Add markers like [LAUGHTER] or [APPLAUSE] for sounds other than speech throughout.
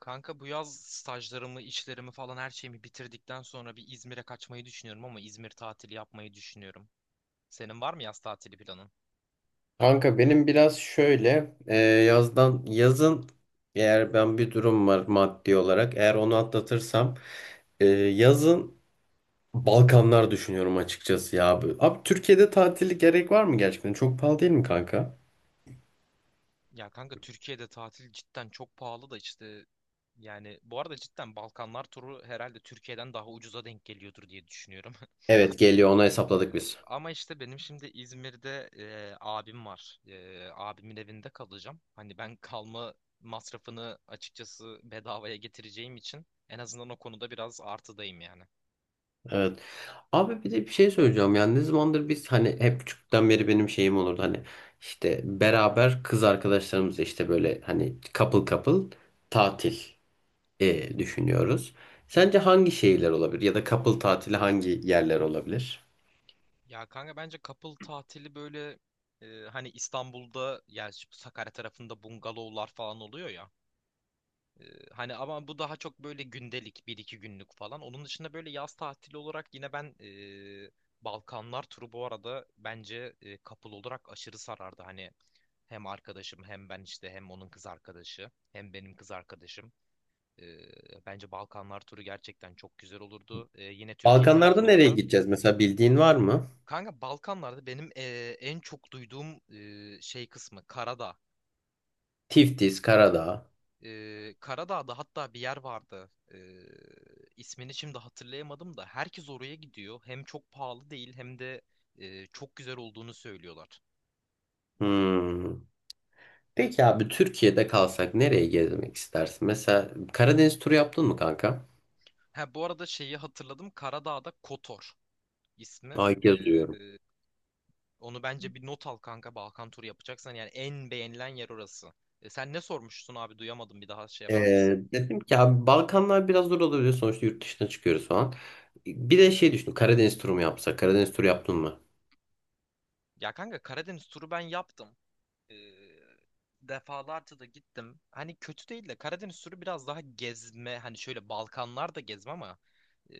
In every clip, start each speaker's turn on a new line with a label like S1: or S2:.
S1: Kanka bu yaz stajlarımı, işlerimi falan her şeyimi bitirdikten sonra bir İzmir'e kaçmayı düşünüyorum ama İzmir tatili yapmayı düşünüyorum. Senin var mı yaz tatili planın?
S2: Kanka benim biraz şöyle yazdan yazın eğer ben bir durum var maddi olarak eğer onu atlatırsam, yazın Balkanlar düşünüyorum açıkçası ya abi. Abi Türkiye'de tatili gerek var mı gerçekten? Çok pahalı değil mi kanka?
S1: Ya kanka Türkiye'de tatil cidden çok pahalı da işte yani bu arada cidden Balkanlar turu herhalde Türkiye'den daha ucuza denk geliyordur diye düşünüyorum.
S2: Evet, geliyor, onu hesapladık
S1: [LAUGHS]
S2: biz.
S1: Ama işte benim şimdi İzmir'de abim var. Abimin evinde kalacağım. Hani ben kalma masrafını açıkçası bedavaya getireceğim için en azından o konuda biraz artıdayım yani.
S2: Evet. Abi bir de bir şey söyleyeceğim, yani ne zamandır biz hani hep küçükten beri benim şeyim olurdu hani işte beraber kız arkadaşlarımızla işte böyle hani couple couple tatil düşünüyoruz. Sence hangi şehirler olabilir ya da couple tatili hangi yerler olabilir?
S1: Ya kanka bence couple tatili böyle e, hani İstanbul'da yani şu Sakarya tarafında bungalovlar falan oluyor ya. E, Hani ama bu daha çok böyle gündelik bir iki günlük falan. Onun dışında böyle yaz tatili olarak yine ben e, Balkanlar turu bu arada bence couple olarak aşırı sarardı. Hani hem arkadaşım hem ben işte hem onun kız arkadaşı hem benim kız arkadaşım. E, Bence Balkanlar turu gerçekten çok güzel olurdu. Yine Türkiye
S2: Balkanlarda
S1: tarafında
S2: nereye
S1: da.
S2: gideceğiz mesela, bildiğin var mı?
S1: Kanka Balkanlarda benim en çok duyduğum şey kısmı Karadağ.
S2: Tiftis, Karadağ.
S1: Karadağ'da hatta bir yer vardı. İsmini şimdi hatırlayamadım da herkes oraya gidiyor. Hem çok pahalı değil hem de çok güzel olduğunu söylüyorlar.
S2: Hmm. Peki abi, Türkiye'de kalsak nereye gezmek istersin? Mesela Karadeniz turu yaptın mı kanka?
S1: Ha bu arada şeyi hatırladım. Karadağ'da Kotor ismi.
S2: Ay, ilk kez duyuyorum.
S1: Onu bence bir not al kanka Balkan turu yapacaksan. Yani en beğenilen yer orası. Sen ne sormuştun abi duyamadım bir daha şey yapar mısın?
S2: Dedim ki abi, Balkanlar biraz zor olabilir, sonuçta yurt dışına çıkıyoruz falan. Bir de şey düşündüm, Karadeniz turu mu yapsak? Karadeniz turu yaptın mı?
S1: Ya kanka Karadeniz turu ben yaptım. e, Defalarca da gittim. Hani kötü değil de Karadeniz turu biraz daha gezme. Hani şöyle Balkanlar da gezme ama e,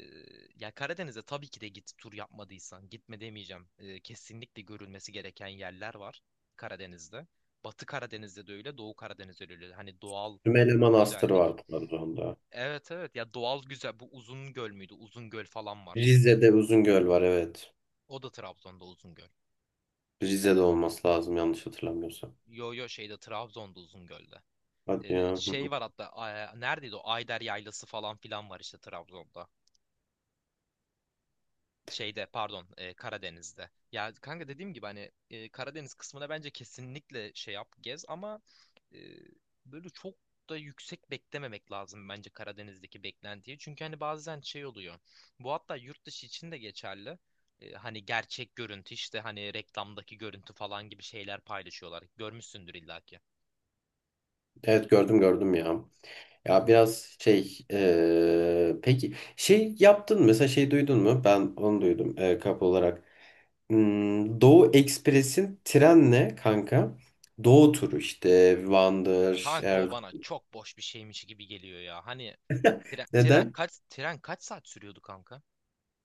S1: ya Karadeniz'e tabii ki de git tur yapmadıysan. Gitme demeyeceğim. Kesinlikle görülmesi gereken yerler var Karadeniz'de. Batı Karadeniz'de de öyle, Doğu Karadeniz'de de öyle. Hani doğal
S2: Sümele Manastırı
S1: güzellik.
S2: var Trabzon'da.
S1: Evet evet, ya doğal güzel. Bu Uzungöl müydü? Uzungöl falan var.
S2: Rize'de Uzungöl var, evet.
S1: O da Trabzon'da Uzungöl.
S2: Rize'de olması lazım yanlış hatırlamıyorsam.
S1: Yo yo şeyde Trabzon'da Uzungöl'de.
S2: Hadi ya. Hı.
S1: Şey var hatta neredeydi o Ayder Yaylası falan filan var işte Trabzon'da. Şeyde pardon Karadeniz'de. Ya kanka dediğim gibi hani Karadeniz kısmına bence kesinlikle şey yap gez ama e, böyle çok da yüksek beklememek lazım bence Karadeniz'deki beklentiyi. Çünkü hani bazen şey oluyor. Bu hatta yurt dışı için de geçerli. Hani gerçek görüntü işte hani reklamdaki görüntü falan gibi şeyler paylaşıyorlar. Görmüşsündür illaki.
S2: Evet, gördüm gördüm ya. Ya biraz şey peki şey yaptın mı? Mesela şey duydun mu? Ben onu duydum kap olarak. Hmm, Doğu Ekspres'in trenle kanka Doğu turu işte Van'dır
S1: Kanka
S2: Er,
S1: o bana çok boş bir şeymiş gibi geliyor ya. Hani Tren, tren
S2: neden?
S1: kaç tren kaç saat sürüyordu kanka?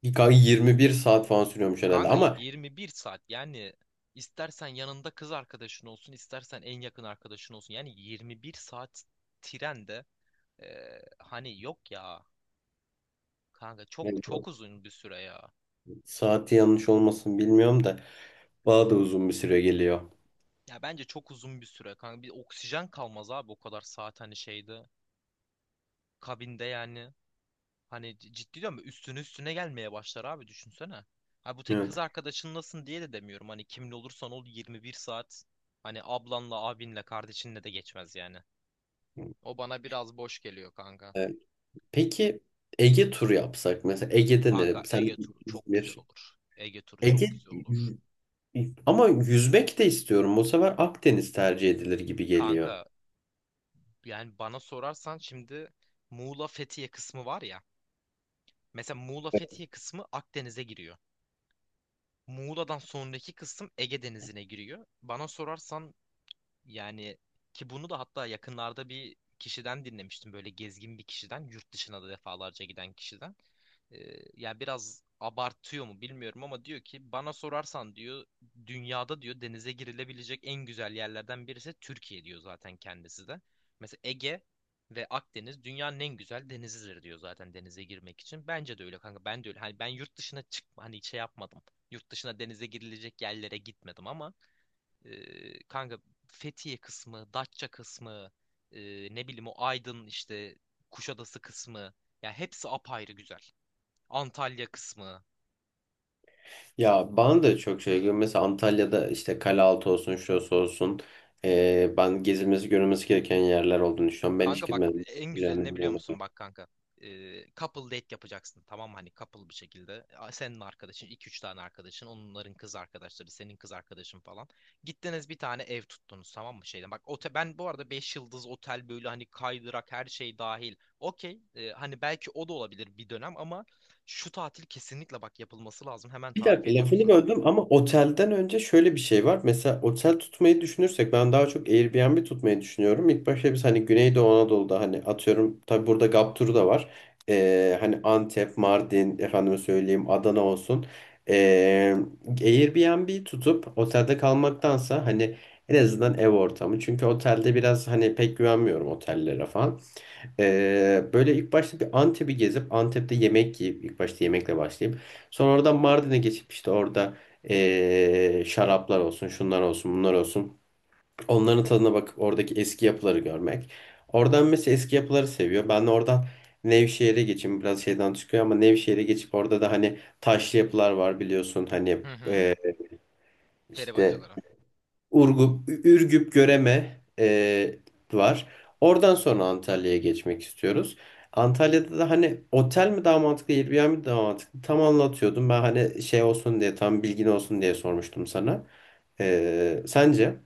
S2: Bir kanka 21 saat falan sürüyormuş herhalde
S1: Kanka
S2: ama
S1: 21 saat. Yani istersen yanında kız arkadaşın olsun, istersen en yakın arkadaşın olsun. Yani 21 saat trende hani yok ya. Kanka çok
S2: yani
S1: çok uzun bir süre ya.
S2: saati yanlış olmasın, bilmiyorum da bana da uzun bir süre geliyor.
S1: Ya bence çok uzun bir süre kanka. Bir oksijen kalmaz abi o kadar saat hani şeyde kabinde yani. Hani ciddi diyorum ya, üstüne üstüne gelmeye başlar abi düşünsene. Ha bu tek kız arkadaşınlasın diye de demiyorum. Hani kimli olursan ol 21 saat hani ablanla, abinle, kardeşinle de geçmez yani. O bana biraz boş geliyor kanka.
S2: Evet. Peki Ege turu yapsak mesela, Ege'de ne?
S1: Kanka
S2: Sen
S1: Ege turu çok güzel
S2: İzmir.
S1: olur. Ege turu
S2: Ege,
S1: çok güzel olur.
S2: ama yüzmek de istiyorum. Bu sefer Akdeniz tercih edilir gibi geliyor.
S1: Kanka yani bana sorarsan şimdi Muğla Fethiye kısmı var ya. Mesela Muğla Fethiye kısmı Akdeniz'e giriyor. Muğla'dan sonraki kısım Ege Denizi'ne giriyor. Bana sorarsan yani, ki bunu da hatta yakınlarda bir kişiden dinlemiştim. Böyle gezgin bir kişiden, yurt dışına da defalarca giden kişiden. Ya biraz abartıyor mu bilmiyorum ama diyor ki bana sorarsan diyor dünyada diyor denize girilebilecek en güzel yerlerden birisi Türkiye diyor zaten kendisi de. Mesela Ege ve Akdeniz dünyanın en güzel denizidir diyor zaten denize girmek için. Bence de öyle kanka. Ben de öyle. Hani ben yurt dışına çık hani şey yapmadım. Yurt dışına denize girilecek yerlere gitmedim ama kanka Fethiye kısmı, Datça kısmı, e, ne bileyim o Aydın işte Kuşadası kısmı. Ya hepsi apayrı güzel. Antalya kısmı.
S2: Ya bana da çok şey geliyor. Mesela Antalya'da işte Kalealtı olsun, şurası olsun. Ben gezilmesi görülmesi gereken yerler olduğunu düşünüyorum. Ben hiç
S1: Kanka bak
S2: gitmedim.
S1: en güzeli
S2: Yani,
S1: ne biliyor musun bak kanka. Couple date yapacaksın tamam mı? Hani couple bir şekilde. Senin arkadaşın iki üç tane arkadaşın. Onların kız arkadaşları. Senin kız arkadaşın falan. Gittiniz bir tane ev tuttunuz tamam mı? Şeyden. Bak ben bu arada 5 yıldız otel böyle hani kaydırak her şey dahil. Okey. Hani belki o da olabilir bir dönem ama şu tatil kesinlikle bak yapılması lazım. Hemen
S2: bir
S1: tarif
S2: dakika
S1: ediyorum
S2: lafını
S1: sana.
S2: böldüm ama otelden önce şöyle bir şey var. Mesela otel tutmayı düşünürsek ben daha çok Airbnb tutmayı düşünüyorum. İlk başta biz hani Güneydoğu Anadolu'da hani atıyorum, tabii burada Gap turu da var. Hani Antep, Mardin, efendime söyleyeyim Adana olsun. Ee, Airbnb tutup otelde kalmaktansa hani en azından ev ortamı. Çünkü otelde biraz hani pek güvenmiyorum otellere falan. Böyle ilk başta bir Antep'i gezip Antep'te yemek yiyip ilk başta yemekle başlayıp sonra oradan Mardin'e geçip işte orada, şaraplar olsun, şunlar olsun, bunlar olsun. Onların tadına bakıp oradaki eski yapıları görmek. Oradan mesela eski yapıları seviyor. Ben de oradan Nevşehir'e geçeyim. Biraz şeyden çıkıyor ama Nevşehir'e geçip orada da hani taşlı yapılar var biliyorsun. Hani
S1: Hı hı. Peri
S2: işte
S1: bacaları.
S2: Urgup, Ürgüp, Göreme var. Oradan sonra Antalya'ya geçmek istiyoruz. Antalya'da da hani otel mi daha mantıklı, Airbnb mi daha mantıklı? Tam anlatıyordum. Ben hani şey olsun diye, tam bilgin olsun diye sormuştum sana. E, sence?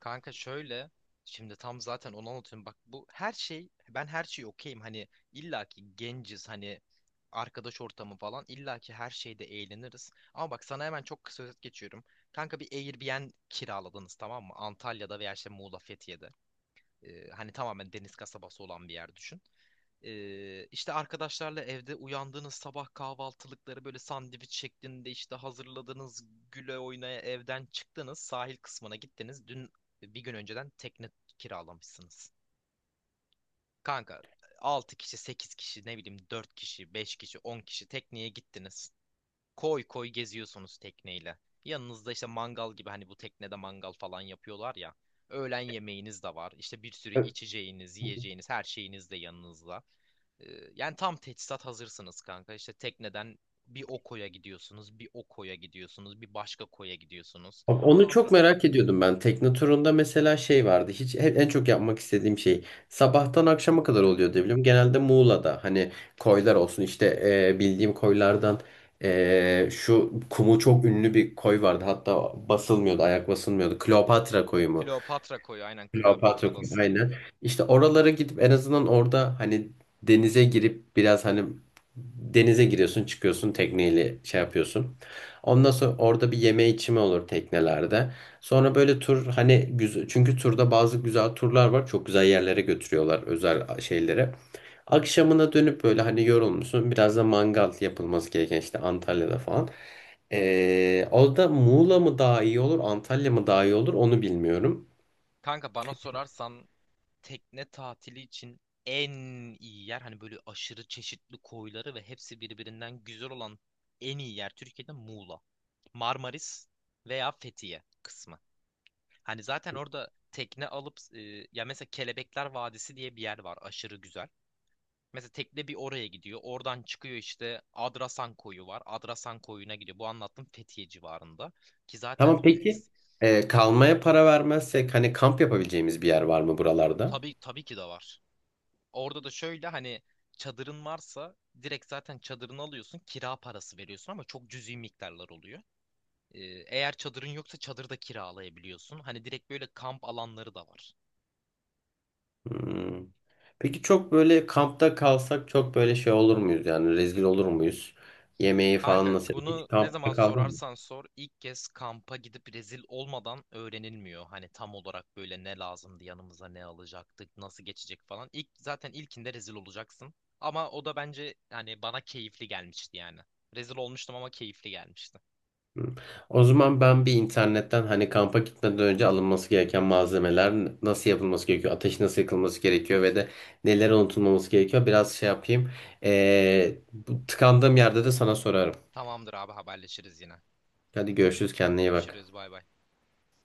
S1: Kanka şöyle şimdi tam zaten onu anlatıyorum. Bak bu her şey ben her şeyi okeyim. Hani illaki genciz hani arkadaş ortamı falan illaki her şeyde eğleniriz. Ama bak sana hemen çok kısa özet geçiyorum. Kanka bir Airbnb kiraladınız tamam mı? Antalya'da veya işte Muğla, Fethiye'de. Hani tamamen deniz kasabası olan bir yer düşün. İşte arkadaşlarla evde uyandığınız sabah kahvaltılıkları böyle sandviç şeklinde işte hazırladınız, güle oynaya evden çıktınız, sahil kısmına gittiniz. Bir gün önceden tekne kiralamışsınız. Kanka 6 kişi, 8 kişi, ne bileyim 4 kişi, 5 kişi, 10 kişi tekneye gittiniz. Koy koy geziyorsunuz tekneyle. Yanınızda işte mangal gibi hani bu teknede mangal falan yapıyorlar ya. Öğlen yemeğiniz de var. İşte bir sürü içeceğiniz, yiyeceğiniz, her şeyiniz de yanınızda. Ee, Yani tam teçhizat hazırsınız kanka. İşte tekneden bir o koya gidiyorsunuz, bir o koya gidiyorsunuz, bir başka koya gidiyorsunuz.
S2: Abi, onu çok
S1: Sonra
S2: merak ediyordum ben. Tekne turunda mesela şey vardı. Hiç en çok yapmak istediğim şey sabahtan akşama kadar oluyor diye biliyorum. Genelde Muğla'da hani koylar olsun, işte bildiğim koylardan, şu kumu çok ünlü bir koy vardı. Hatta basılmıyordu, ayak basılmıyordu. Kleopatra koyu mu?
S1: Kleopatra koyu, aynen
S2: Kleopatra Kulesi,
S1: Kleopatra'dasın.
S2: aynen. İşte oralara gidip en azından orada hani denize girip biraz hani denize giriyorsun çıkıyorsun tekneyle şey yapıyorsun. Ondan sonra orada bir yeme içme olur teknelerde. Sonra böyle tur hani güzel, çünkü turda bazı güzel turlar var. Çok güzel yerlere götürüyorlar, özel şeylere. Akşamına dönüp böyle hani yorulmuşsun. Biraz da mangal yapılması gereken, işte Antalya'da falan. Orada Muğla mı daha iyi olur, Antalya mı daha iyi olur onu bilmiyorum.
S1: Kanka bana sorarsan tekne tatili için en iyi yer hani böyle aşırı çeşitli koyları ve hepsi birbirinden güzel olan en iyi yer Türkiye'de Muğla. Marmaris veya Fethiye kısmı. Hani zaten orada tekne alıp ya mesela Kelebekler Vadisi diye bir yer var aşırı güzel. Mesela tekne bir oraya gidiyor. Oradan çıkıyor işte Adrasan Koyu var. Adrasan Koyu'na gidiyor. Bu anlattım Fethiye civarında. Ki
S2: Tamam
S1: zaten
S2: peki, kalmaya para vermezsek hani kamp yapabileceğimiz bir yer var mı buralarda?
S1: tabii tabii ki de var. Orada da şöyle hani çadırın varsa direkt zaten çadırını alıyorsun, kira parası veriyorsun ama çok cüzi miktarlar oluyor. Ee, Eğer çadırın yoksa çadırda kiralayabiliyorsun. Hani direkt böyle kamp alanları da var.
S2: Hmm. Peki çok böyle kampta kalsak çok böyle şey olur muyuz, yani rezil olur muyuz? Yemeği falan
S1: Kanka
S2: nasıl? Hiç
S1: bunu ne zaman
S2: kampta kaldın mı?
S1: sorarsan sor ilk kez kampa gidip rezil olmadan öğrenilmiyor. Hani tam olarak böyle ne lazımdı yanımıza ne alacaktık nasıl geçecek falan. İlk zaten ilkinde rezil olacaksın. Ama o da bence hani bana keyifli gelmişti yani. Rezil olmuştum ama keyifli gelmişti.
S2: Hı. O zaman ben bir internetten hani kampa gitmeden önce alınması gereken malzemeler nasıl yapılması gerekiyor, ateş nasıl yakılması gerekiyor ve de neler unutulmaması gerekiyor biraz şey yapayım. Bu tıkandığım yerde de sana sorarım.
S1: Tamamdır abi haberleşiriz yine.
S2: Hadi görüşürüz, kendine iyi bak.
S1: Görüşürüz bay bay.